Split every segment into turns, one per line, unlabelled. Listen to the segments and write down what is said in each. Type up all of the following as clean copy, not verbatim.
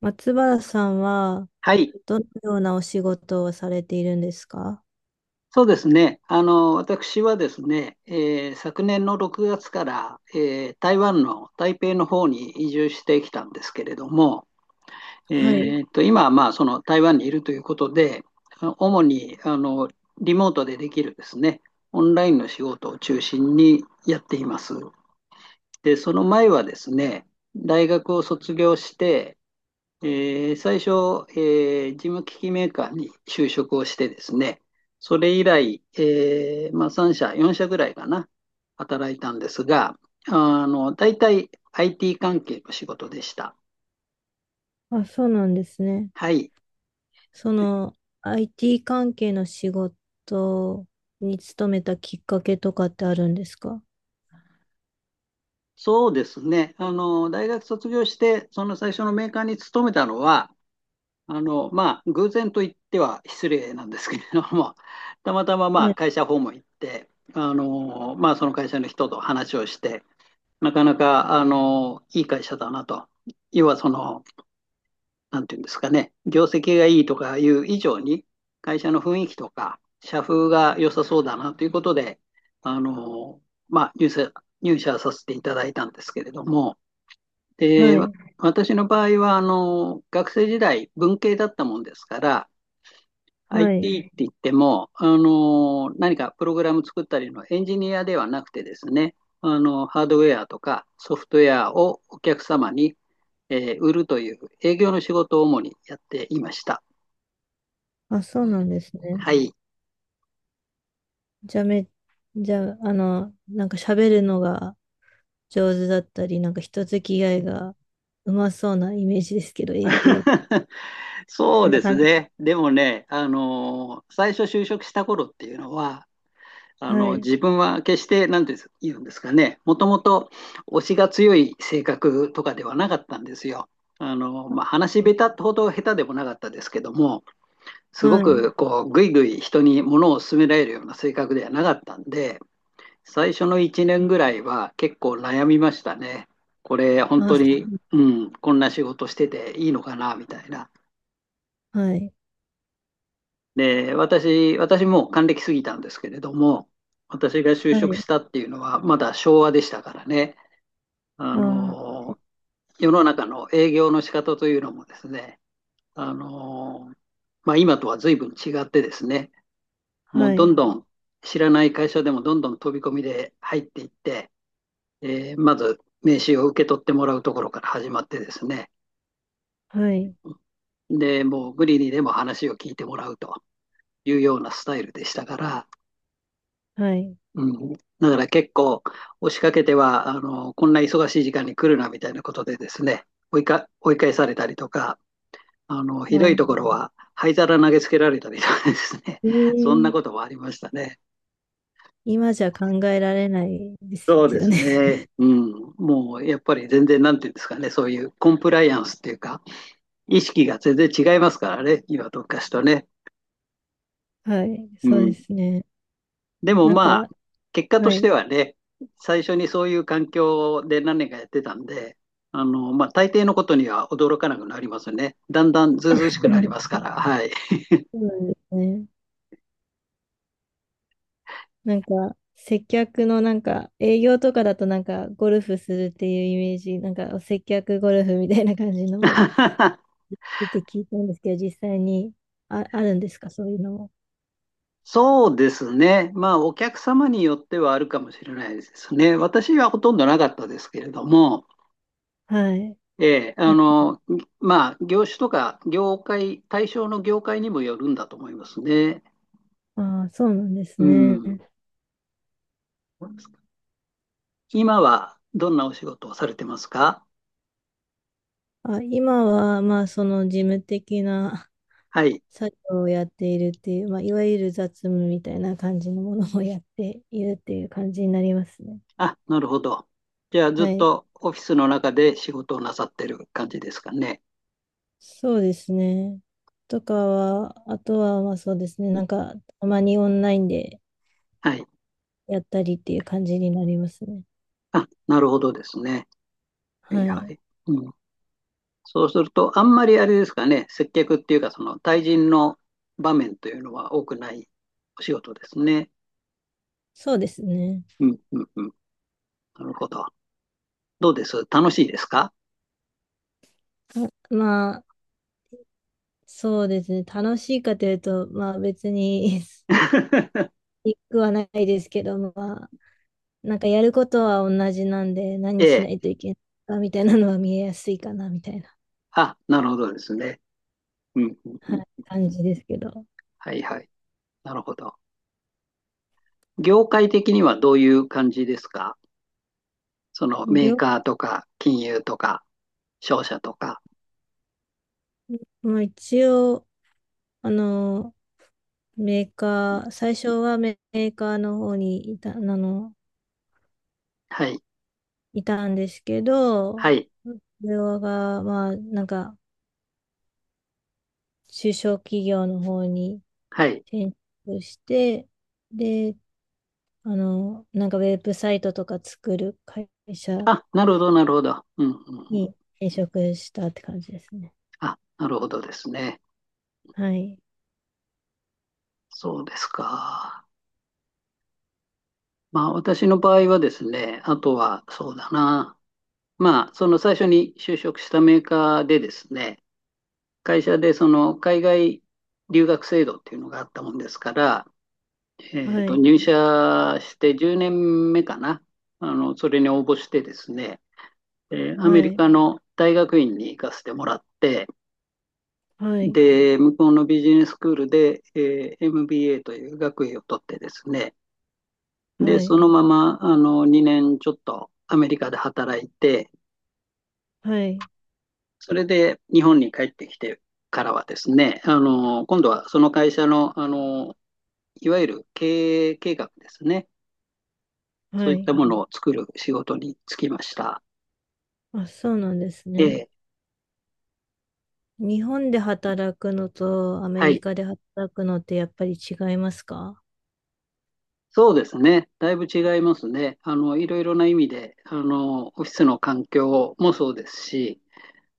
松原さんは
はい、
どのようなお仕事をされているんですか？
そうですね。私はですね、昨年の6月から、台湾の台北の方に移住してきたんですけれども、え
はい。
今はまあその台湾にいるということで、主にリモートでできるですね、オンラインの仕事を中心にやっています。で、その前はですね、大学を卒業して、最初、事務機器メーカーに就職をしてですね、それ以来、まあ、3社、4社ぐらいかな、働いたんですが、あの、大体 IT 関係の仕事でした。
あ、そうなんですね。
はい。
その IT 関係の仕事に勤めたきっかけとかってあるんですか？
そうですね。あの、大学卒業して、その最初のメーカーに勤めたのは、あの、まあ、偶然と言っては失礼なんですけれども、たまたま、ま
は
あ、
い。
会社訪問行って、あの、まあ、その会社の人と話をして、なかなか、あの、いい会社だなと。要はその、なんていうんですかね、業績がいいとかいう以上に、会社の雰囲気とか、社風が良さそうだなということで、あの、まあ、入社させていただいたんですけれども、で、
はい。
私の場合は、あの、学生時代、文系だったもんですから、
は
IT
い。
って言っても、何かプログラム作ったりのエンジニアではなくてですね、あのハードウェアとかソフトウェアをお客様に、売るという営業の仕事を主にやっていました。
あ、そうなんですね。
はい。
じゃあめ、じゃあ、なんか喋るのが上手だったり、なんか人付き合いがうまそうなイメージですけど、営業、
そ
そ
う
んな
です
感じ。
ね。でもね、最初就職した頃っていうのは、あ
は
の
い。
自分は決して何て言うんですかね、もともと推しが強い性格とかではなかったんですよ。あのまあ、話下手ほど下手でもなかったですけども、すご
はい。
くこうぐいぐい人に物を勧められるような性格ではなかったんで、最初の1年ぐらいは結構悩みましたね。これ本
あ、
当
そ
に、
う
うん、こんな仕事してていいのかなみたいな。
はい。
で、私もう還暦過ぎたんですけれども、私が就
は
職
い。
したっていうのは、まだ昭和でしたからね、あ
あ
の、世の中の営業の仕方というのもですね、あの、まあ、今とは随分違ってですね、
あ、
もう
は
ど
い。
んどん知らない会社でもどんどん飛び込みで入っていって、まず名刺を受け取ってもらうところから始まってですね、
はい。
で、もう無理にでも話を聞いてもらうというようなスタイルでしたから、
はい。
うん、だから結構押しかけては、あのこんな忙しい時間に来るなみたいなことでですね、追い返されたりとか、あのひどい
あ
とこ
あ、
ろは灰皿投げつけられたりとかですね
え
そんなこ
え、
ともありましたね。
今じゃ考えられないです
そうで
よ
す
ね。
ね、うん、もうやっぱり全然なんていうんですかね、そういうコンプライアンスっていうか意識が全然違いますからね、今と昔とね。
はい。
う
そうで
ん。
すね。
でも
なん
まあ、
か、
結果と
は
して
い。
はね、最初にそういう環境で何年かやってたんで、あの、まあ、大抵のことには驚かなくなりますね。だんだんずうずうし く
う
なり
ん。
ますから、はい。
そうなんですね。なんか、接客のなんか、営業とかだとなんか、ゴルフするっていうイメージ、なんか、接客ゴルフみたいな感じのも 出て聞いたんですけど、実際にあ、あるんですか、そういうのも。
そうですね。まあ、お客様によってはあるかもしれないですね。私はほとんどなかったですけれども、
はい。
ええ、あ
あ、
の、まあ、業種とか業界、対象の業界にもよるんだと思いますね。
ああ、そうなんです
う
ね。
ん。今はどんなお仕事をされてますか？
あ、今は、まあ、その事務的な
はい。
作業をやっているっていう、まあ、いわゆる雑務みたいな感じのものをやっているっていう感じになりますね。
あ、なるほど。じゃあ、ずっ
はい。
とオフィスの中で仕事をなさってる感じですかね。
そうですね。とかは、あとは、まあ、そうですね。なんか、たまにオンラインで
はい。
やったりっていう感じになりますね。
あ、なるほどですね。はい
は
は
い。
い。うん。そうすると、あんまりあれですかね、接客っていうか、その対人の場面というのは多くないお仕事ですね。
そうですね。
うんうんうん。なるほど。どうです、楽しいですか？
あ、まあ、そうですね。楽しいかというと、まあ別に いくはないですけど、まあ、なんかやることは同じなんで、
え
何しな
え。
いといけないかみたいなのは見えやすいかな、みたいな、
あ、なるほどですね。うんうんう
は
ん。
い、感じですけど。
はいはい。なるほど。業界的にはどういう感じですか？その
り
メー
ょ
カーとか金融とか。商社とか。
まあ、一応、あの、メーカー、最初はメーカーの方に
はい、
いたんですけど、
はい、
それが、まあ、なんか、中小企業の方に
はい。
転職して、で、なんかウェブサイトとか作る会社
あ、なるほど、なるほど。うん、うん、うん。
に転職したって感じですね。
あ、なるほどですね。
はい、
そうですか。まあ、私の場合はですね、あとは、そうだな。まあ、その最初に就職したメーカーでですね、会社でその海外留学制度っていうのがあったもんですから、えっ
は
と、
い、
入社して10年目かな。あの、それに応募してですね、アメ
は
リ
い、
カの大学院に行かせてもらって、
はい、
で、向こうのビジネススクールで、MBA という学位を取ってですね、で、
は
そ
い、
のままあの2年ちょっとアメリカで働いて、
はい、
それで日本に帰ってきてからはですね、あの今度はその会社の、あのいわゆる経営計画ですね、そう
は
いった
い。
ものを作る仕事に就きました。
あ、そうなんです
え
ね。
ー
日本で働くのとアメ
は
リ
い。
カで働くのってやっぱり違いますか？
そうですね。だいぶ違いますね。あの、いろいろな意味で、あの、オフィスの環境もそうですし、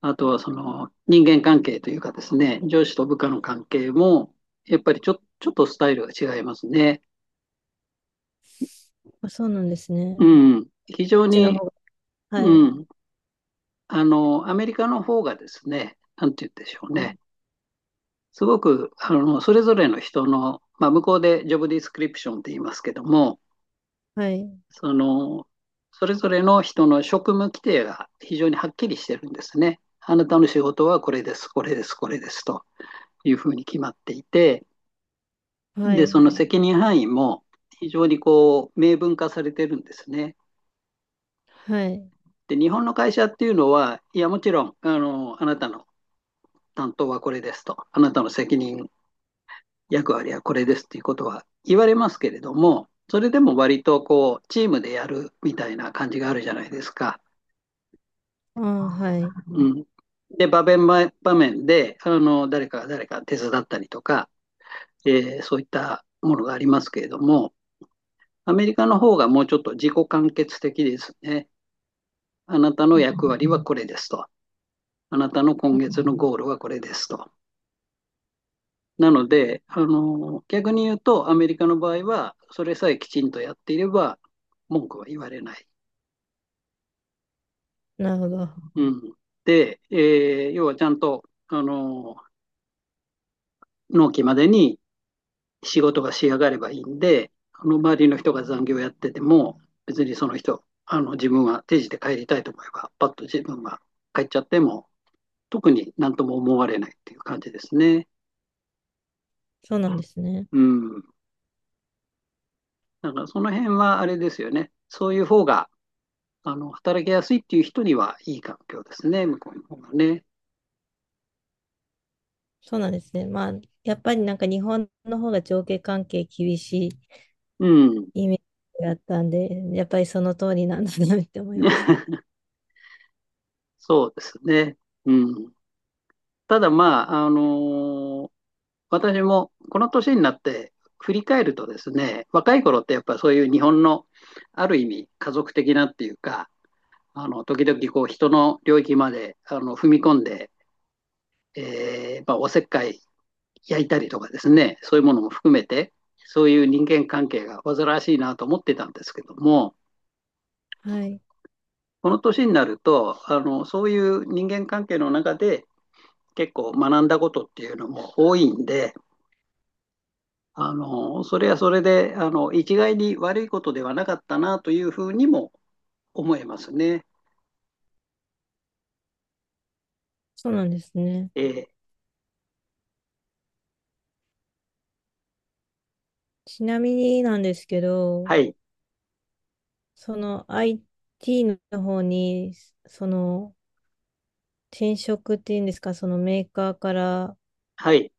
あとはその人間関係というかですね、上司と部下の関係も、やっぱりちょっとスタイルが違いますね。
あ、そうなんですね。こ
う
っ
ん。非常
ちの
に、
方が。は
う
い、
ん。あの、アメリカの方がですね、なんて言うんでしょう
はい、
ね。すごく、あの、それぞれの人の、まあ、向こうでジョブディスクリプションって言いますけども、その、それぞれの人の職務規定が非常にはっきりしてるんですね。あなたの仕事はこれです、これです、これですというふうに決まっていて、
は
で、そ
い、
の責任範囲も非常にこう明文化されてるんですね。
はい。
で、日本の会社っていうのは、いや、もちろん、あの、あなたの担当はこれですと、あなたの責任、役割はこれですっていうことは言われますけれども、それでも割とこう、チームでやるみたいな感じがあるじゃないですか。
ああ、はい。
うん。で、場面場面で、あの、誰かが誰か手伝ったりとか、そういったものがありますけれども、アメリカの方がもうちょっと自己完結的ですね。あなたの
あ、
役割はこれですと。あなたの今月のゴールはこれですと。なので、あの、逆に言うと、アメリカの場合は、それさえきちんとやっていれば、文句は言われない。
なるほど。
うん。で、要はちゃんと、あの、納期までに仕事が仕上がればいいんで、あの、周りの人が残業やってても、別にその人、あの、自分は定時で帰りたいと思えば、パッと自分が帰っちゃっても、特になんとも思われないっていう感じですね。
そうなんですね。
うん。だからその辺はあれですよね。そういう方が、あの、働きやすいっていう人にはいい環境ですね、向こうの方がね。
そうなんですね。まあ、やっぱりなんか日本の方が上下関係厳し
うん。
いイメージがあったんで、やっぱりその通りなんだなって思いました。
そうですね。うん。ただまあ、私もこの年になって振り返るとですね、若い頃ってやっぱそういう日本のある意味家族的なっていうか、あの、時々こう人の領域まであの踏み込んで、まあ、おせっかい焼いたりとかですね、そういうものも含めて、そういう人間関係が煩わしいなと思ってたんですけども、
はい。
この年になると、あのそういう人間関係の中で結構学んだことっていうのも多いんで、あのそれはそれであの一概に悪いことではなかったなというふうにも思えますね。
そうなんですね。
えー
ちなみになんですけど、
はい、
その IT の方に、その転職っていうんですか、そのメーカーから
はい、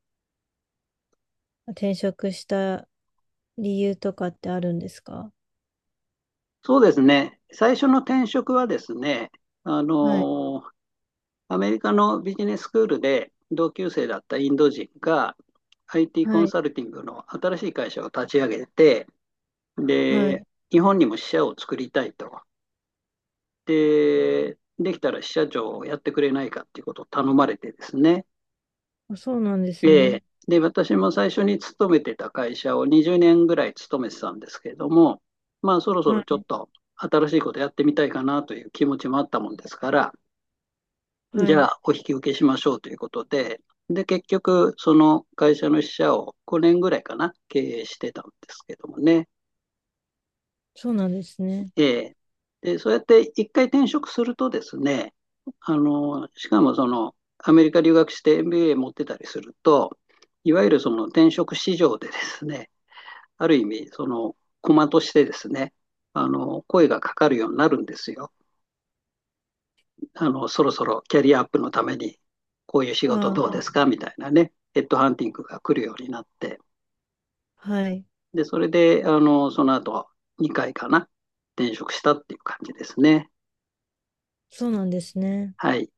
転職した理由とかってあるんですか？
そうですね。最初の転職はですね、あ
はい、
のアメリカのビジネススクールで同級生だったインド人が IT コ
は
ン
い、
サルティングの新しい会社を立ち上げて、
はい。
で、日本にも支社を作りたいと。で、できたら支社長をやってくれないかっていうことを頼まれてですね。
あ、そうなんですね。
で、私も最初に勤めてた会社を20年ぐらい勤めてたんですけれども、まあそろそ
は
ろちょ
い、
っと新しいことやってみたいかなという気持ちもあったもんですから、じ
は
ゃ
い。
あ、お引き受けしましょうということで、で、結局、その会社の支社を5年ぐらいかな、経営してたんですけどもね。
そうなんですね。
えーで、そうやって一回転職するとですね、あの、しかもその、アメリカ留学して MBA 持ってたりすると、いわゆるその転職市場でですね、ある意味、その、駒としてですね、あの、声がかかるようになるんですよ。あの、そろそろキャリアアップのために、こういう仕事
あ、
どうですかみたいなね、ヘッドハンティングが来るようになって、
はい。
で、それで、あの、その後、2回かな、転職したっていう感じですね。
そうなんですね。
はい。